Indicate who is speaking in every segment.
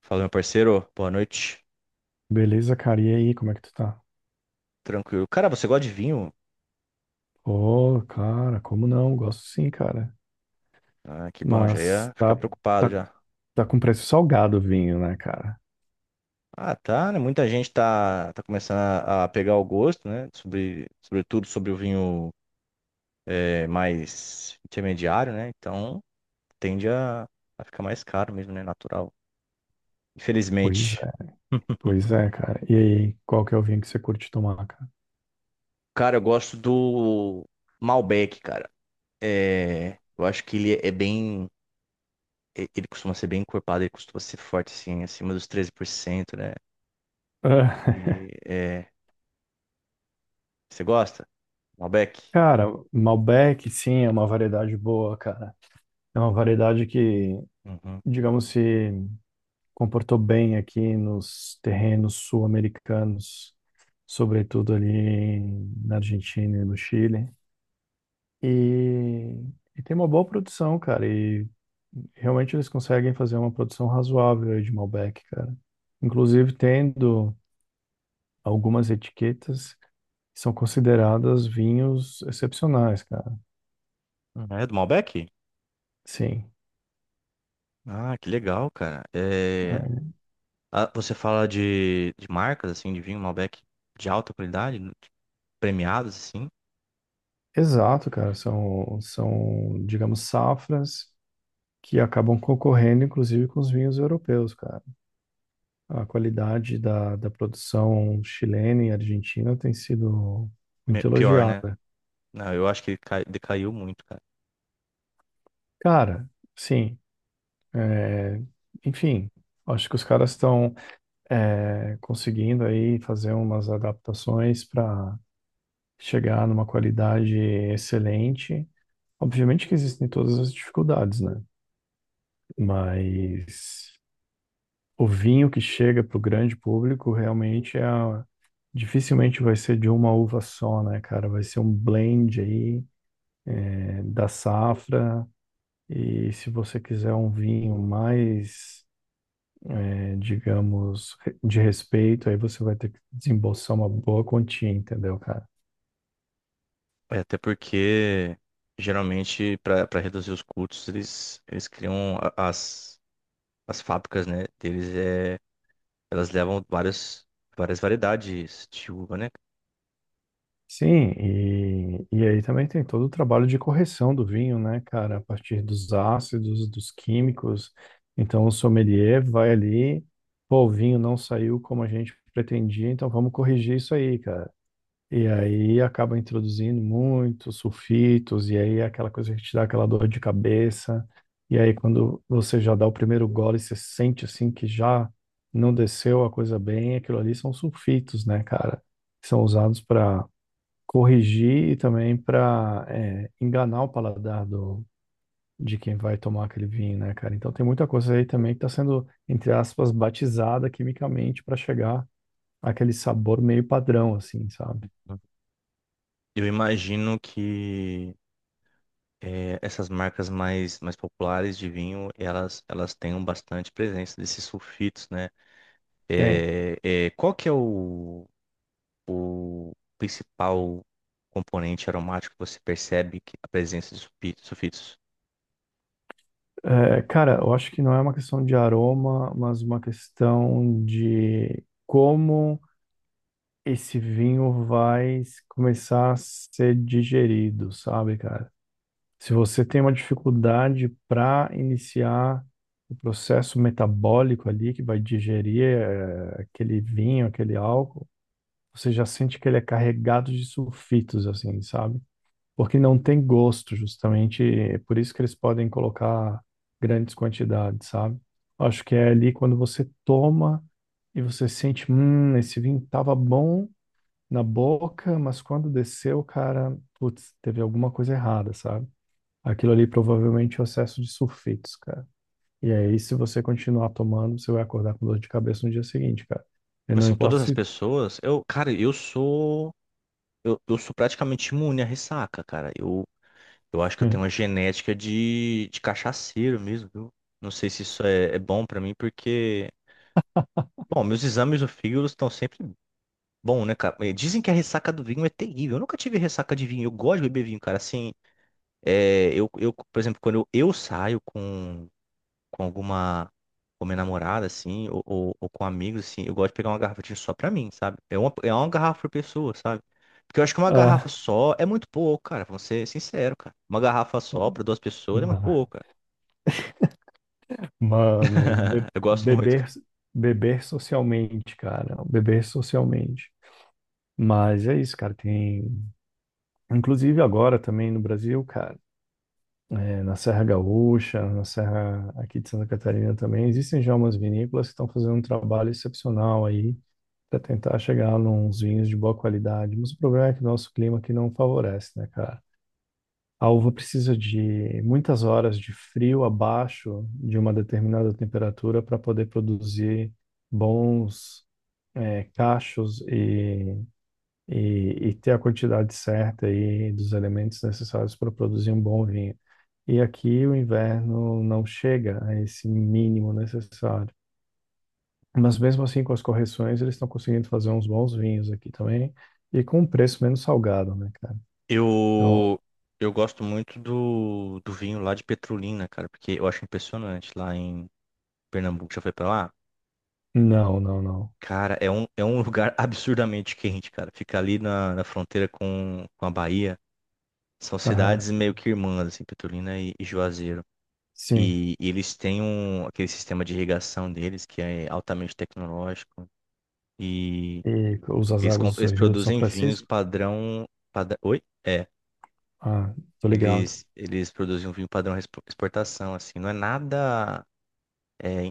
Speaker 1: Fala, meu parceiro. Boa noite.
Speaker 2: Beleza, cara. E aí, como é que tu tá?
Speaker 1: Tranquilo. Cara, você gosta de vinho?
Speaker 2: Ô, cara, como não? Gosto sim, cara.
Speaker 1: Ah, que bom, já
Speaker 2: Mas
Speaker 1: ia
Speaker 2: tá,
Speaker 1: ficar
Speaker 2: É.
Speaker 1: preocupado
Speaker 2: tá,
Speaker 1: já.
Speaker 2: tá com preço salgado o vinho, né, cara?
Speaker 1: Ah, tá, né? Muita gente tá, começando a pegar o gosto, né? Sobretudo sobre o vinho mais intermediário, né? Então tende a a ficar mais caro mesmo, né? Natural.
Speaker 2: Pois
Speaker 1: Infelizmente.
Speaker 2: é. Pois é, cara. E aí, qual que é o vinho que você curte tomar, cara?
Speaker 1: Cara, eu gosto do Malbec, cara. É, eu acho que ele é bem. Ele costuma ser bem encorpado, ele costuma ser forte, assim, acima dos 13%, né?
Speaker 2: Ah,
Speaker 1: E, é, Você gosta? Malbec?
Speaker 2: Cara, Malbec, sim, é uma variedade boa, cara. É uma variedade que,
Speaker 1: Uhum.
Speaker 2: digamos se comportou bem aqui nos terrenos sul-americanos, sobretudo ali na Argentina e no Chile. E, e tem uma boa produção, cara. E realmente eles conseguem fazer uma produção razoável aí de Malbec, cara. Inclusive tendo algumas etiquetas que são consideradas vinhos excepcionais, cara.
Speaker 1: Ah, é do Malbec?
Speaker 2: Sim.
Speaker 1: Ah, que legal, cara. É,
Speaker 2: é.
Speaker 1: ah, você fala de marcas, assim, de vinho Malbec de alta qualidade, né? Tipo, premiados, assim?
Speaker 2: Exato, cara. São, digamos, safras que acabam concorrendo, inclusive, com os vinhos europeus, cara. A qualidade da produção chilena e argentina tem sido muito
Speaker 1: Pior, né?
Speaker 2: elogiada.
Speaker 1: Não, eu acho que decaiu muito, cara.
Speaker 2: Cara, sim, é, enfim, acho que os caras estão é, conseguindo aí fazer umas adaptações para chegar numa qualidade excelente. Obviamente que existem todas as dificuldades, né? Mas o vinho que chega para o grande público realmente dificilmente vai ser de uma uva só, né, cara? Vai ser um blend aí da safra. E se você quiser um vinho mais, digamos, de respeito, aí você vai ter que desembolsar uma boa quantia, entendeu, cara?
Speaker 1: É, até porque, geralmente, para reduzir os custos, eles criam as as fábricas, né? Deles, é, elas levam várias, várias variedades de uva, né?
Speaker 2: Sim, e aí também tem todo o trabalho de correção do vinho, né, cara? A partir dos ácidos, dos químicos. Então, o sommelier vai ali, pô, o vinho não saiu como a gente pretendia, então vamos corrigir isso aí, cara. E aí acaba introduzindo muitos sulfitos, e aí é aquela coisa que te dá aquela dor de cabeça. E aí quando você já dá o primeiro gole, você sente assim que já não desceu a coisa bem, aquilo ali são sulfitos, né, cara? Que são usados para corrigir e também para enganar o paladar de quem vai tomar aquele vinho, né, cara? Então tem muita coisa aí também que está sendo, entre aspas, batizada quimicamente para chegar àquele sabor meio padrão, assim, sabe?
Speaker 1: Eu imagino que é, essas marcas mais, populares de vinho, elas têm um bastante presença desses sulfitos, né?
Speaker 2: Tem.
Speaker 1: Qual que é o principal componente aromático que você percebe que a presença de sulfitos?
Speaker 2: É, cara, eu acho que não é uma questão de aroma, mas uma questão de como esse vinho vai começar a ser digerido, sabe, cara? Se você tem uma dificuldade para iniciar o processo metabólico ali que vai digerir, aquele vinho, aquele álcool, você já sente que ele é carregado de sulfitos, assim, sabe? Porque não tem gosto, justamente. É por isso que eles podem colocar grandes quantidades, sabe? Acho que é ali quando você toma e você sente, esse vinho tava bom na boca, mas quando desceu, cara, putz, teve alguma coisa errada, sabe? Aquilo ali provavelmente é o excesso de sulfitos, cara. E aí, se você continuar tomando, você vai acordar com dor de cabeça no dia seguinte, cara. E
Speaker 1: Mas
Speaker 2: não
Speaker 1: são
Speaker 2: importa
Speaker 1: todas as
Speaker 2: se.
Speaker 1: pessoas? Eu, cara, eu sou praticamente imune à ressaca, cara. Eu acho que eu tenho uma genética de cachaceiro mesmo, viu? Não sei se isso é bom pra mim, porque... Bom, meus exames do fígado estão sempre bom, né, cara? Dizem que a ressaca do vinho é terrível. Eu nunca tive ressaca de vinho. Eu gosto de beber vinho, cara. Assim, por exemplo, quando eu saio com alguma, com minha namorada, assim, ou com amigos, assim, eu gosto de pegar uma garrafa de vinho só pra mim, sabe? É uma garrafa por pessoa, sabe? Porque eu acho que uma garrafa só é muito pouco, cara. Vou ser sincero, cara. Uma garrafa só pra duas pessoas é muito
Speaker 2: Ah,
Speaker 1: pouco, cara.
Speaker 2: Mano, be-
Speaker 1: Eu gosto muito,
Speaker 2: beber,
Speaker 1: cara.
Speaker 2: beber socialmente, cara. Beber socialmente. Mas é isso, cara. Tem, inclusive agora também no Brasil, cara, é, na Serra Gaúcha, na Serra aqui de Santa Catarina também, existem já umas vinícolas que estão fazendo um trabalho excepcional aí para tentar chegar nos vinhos de boa qualidade. Mas o problema é que o nosso clima aqui não favorece, né, cara? A uva precisa de muitas horas de frio abaixo de uma determinada temperatura para poder produzir bons cachos e ter a quantidade certa aí dos elementos necessários para produzir um bom vinho. E aqui o inverno não chega a esse mínimo necessário. Mas mesmo assim, com as correções, eles estão conseguindo fazer uns bons vinhos aqui também e com um preço menos salgado, né, cara? Então,
Speaker 1: Eu, eu gosto muito do vinho lá de Petrolina, cara, porque eu acho impressionante lá em. Pernambuco já foi pra lá?
Speaker 2: não, não, não.
Speaker 1: Cara, é um lugar absurdamente quente, cara. Fica ali na fronteira com a Bahia. São
Speaker 2: Aham.
Speaker 1: cidades meio que irmãs, assim, Petrolina e Juazeiro.
Speaker 2: Sim.
Speaker 1: E eles têm um, aquele sistema de irrigação deles que é altamente tecnológico. E
Speaker 2: E usas águas do
Speaker 1: eles
Speaker 2: Rio São
Speaker 1: produzem vinhos
Speaker 2: Francisco?
Speaker 1: padrão, padrão. Oi? É.
Speaker 2: Ah, tô ligado.
Speaker 1: Eles produzem um vinho padrão exportação, assim. Não é nada. É,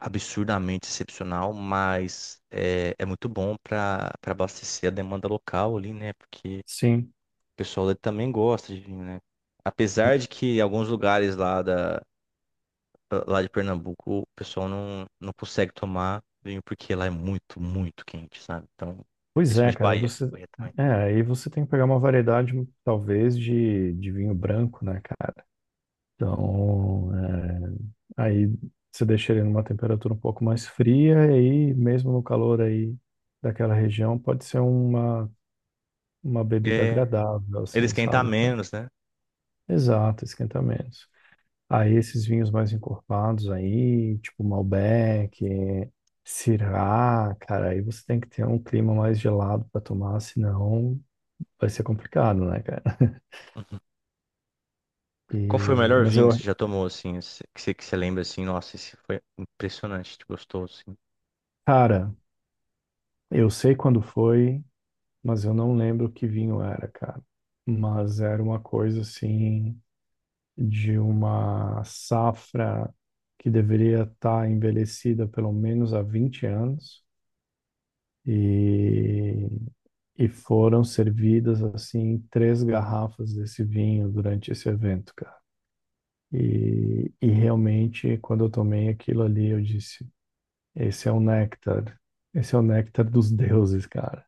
Speaker 1: absurdamente excepcional, mas é muito bom para abastecer a demanda local ali, né? Porque o
Speaker 2: Sim.
Speaker 1: pessoal ali também gosta de vinho, né? Apesar de que em alguns lugares lá de Pernambuco o pessoal não consegue tomar vinho porque lá é muito, muito quente, sabe? Então,
Speaker 2: Pois é,
Speaker 1: principalmente
Speaker 2: cara, aí
Speaker 1: Bahia,
Speaker 2: você,
Speaker 1: Bahia também.
Speaker 2: aí você tem que pegar uma variedade, talvez, de vinho branco, né, cara? Então, é, aí você deixa ele numa temperatura um pouco mais fria, e aí, mesmo no calor aí daquela região, pode ser uma bebida
Speaker 1: É,
Speaker 2: agradável,
Speaker 1: eles
Speaker 2: assim,
Speaker 1: quentam
Speaker 2: sabe?
Speaker 1: menos, né?
Speaker 2: Exato, esquentamentos. Aí esses vinhos mais encorpados aí, tipo Malbec, Syrah, cara, aí você tem que ter um clima mais gelado para tomar, senão vai ser complicado, né, cara?
Speaker 1: Uhum. Qual foi o
Speaker 2: E,
Speaker 1: melhor
Speaker 2: mas
Speaker 1: vinho
Speaker 2: eu,
Speaker 1: que você já tomou, assim, que você lembra, assim, nossa, esse foi impressionante, gostoso,
Speaker 2: cara, eu sei quando foi, mas eu não lembro que vinho era, cara. Mas era uma coisa assim de uma safra que deveria estar envelhecida pelo menos há 20 anos. E E foram servidas assim três garrafas desse vinho durante esse evento, cara. E realmente, quando eu tomei aquilo ali, eu disse: esse é o néctar, esse é o néctar dos deuses, cara.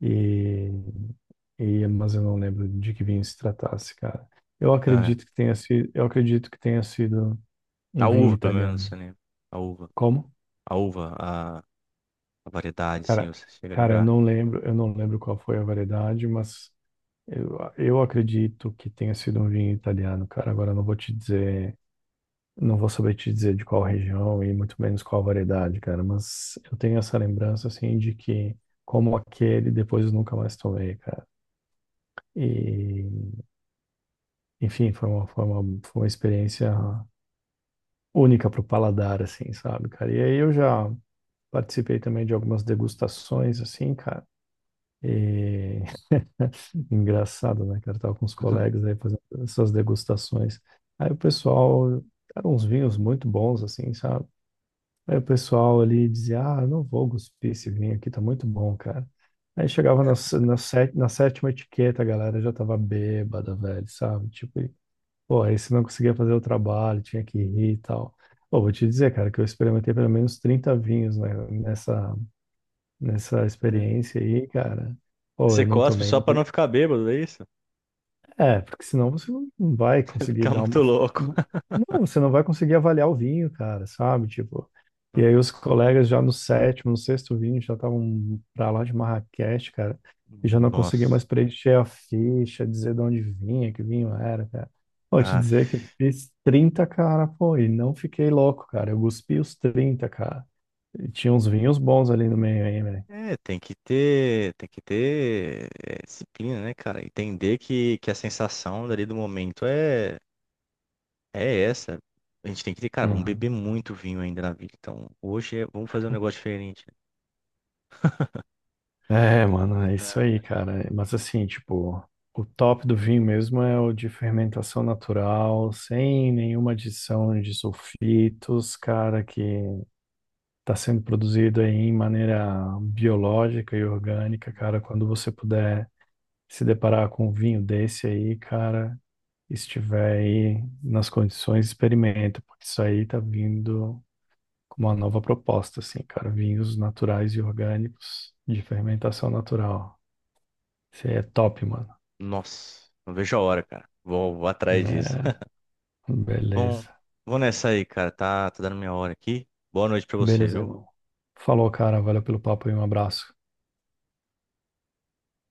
Speaker 2: E, e mas eu não lembro de que vinho se tratasse, cara. Eu
Speaker 1: assim.
Speaker 2: acredito que tenha sido, eu acredito que tenha sido um
Speaker 1: A
Speaker 2: vinho
Speaker 1: uva, pelo menos, você
Speaker 2: italiano.
Speaker 1: lembra. A uva.
Speaker 2: Como?
Speaker 1: A uva, a variedade, sim,
Speaker 2: Cara,
Speaker 1: você chega a
Speaker 2: cara, eu
Speaker 1: lembrar.
Speaker 2: não lembro, eu não lembro qual foi a variedade, mas eu acredito que tenha sido um vinho italiano, cara. Agora eu não vou te dizer, não vou saber te dizer de qual região e muito menos qual variedade, cara. Mas eu tenho essa lembrança, assim, de que como aquele, depois eu nunca mais tomei, cara. E, enfim, foi uma experiência única pro paladar, assim, sabe, cara? E aí eu já participei também de algumas degustações, assim, cara. E Engraçado, né, cara? Eu tava com os colegas aí fazendo essas degustações. Aí o pessoal, eram uns vinhos muito bons, assim, sabe? Aí o pessoal ali dizia, ah, eu não vou cuspir esse vinho aqui, tá muito bom, cara. Aí chegava na sétima etiqueta, a galera já tava bêbada, velho, sabe? Tipo, e, pô, aí você não conseguia fazer o trabalho, tinha que rir e tal. Pô, vou te dizer, cara, que eu experimentei pelo menos 30 vinhos, né, nessa
Speaker 1: É.
Speaker 2: experiência aí, cara. Pô,
Speaker 1: Você
Speaker 2: eu não
Speaker 1: cospe
Speaker 2: tomei
Speaker 1: só pra não ficar bêbado, é isso?
Speaker 2: É, porque senão você não vai conseguir
Speaker 1: Ficar
Speaker 2: dar uma.
Speaker 1: muito louco.
Speaker 2: Não, não, você não vai conseguir avaliar o vinho, cara, sabe? Tipo, e aí os
Speaker 1: Uhum.
Speaker 2: colegas já no sétimo, no sexto vinho já estavam pra lá de Marrakech, cara, e já não conseguia mais
Speaker 1: Nossa.
Speaker 2: preencher a ficha, dizer de onde vinha, que vinho era, cara. Vou te
Speaker 1: Ah,
Speaker 2: dizer que eu fiz 30, cara, pô, e não fiquei louco, cara. Eu cuspi os 30, cara. E tinha uns vinhos bons ali no meio aí,
Speaker 1: é, tem que ter é, disciplina, né, cara? Entender que a sensação dali do momento é essa. A gente tem que ter, cara, vamos
Speaker 2: velho.
Speaker 1: beber muito vinho ainda na vida. Então, vamos fazer um negócio diferente.
Speaker 2: É, mano, é isso aí,
Speaker 1: É,
Speaker 2: cara. Mas assim, tipo, o top do vinho mesmo é o de fermentação natural, sem nenhuma adição de sulfitos, cara, que tá sendo produzido aí em maneira biológica e orgânica, cara. Quando você puder se deparar com um vinho desse aí, cara, estiver aí nas condições, experimenta, porque isso aí tá vindo com uma nova proposta, assim, cara, vinhos naturais e orgânicos de fermentação natural. Você é top, mano.
Speaker 1: nossa, não vejo a hora, cara. Vou atrás disso.
Speaker 2: É,
Speaker 1: Bom,
Speaker 2: beleza.
Speaker 1: vou nessa aí, cara. Tá, tá dando minha hora aqui. Boa noite pra você,
Speaker 2: Beleza,
Speaker 1: viu?
Speaker 2: irmão. Falou, cara. Valeu pelo papo e um abraço.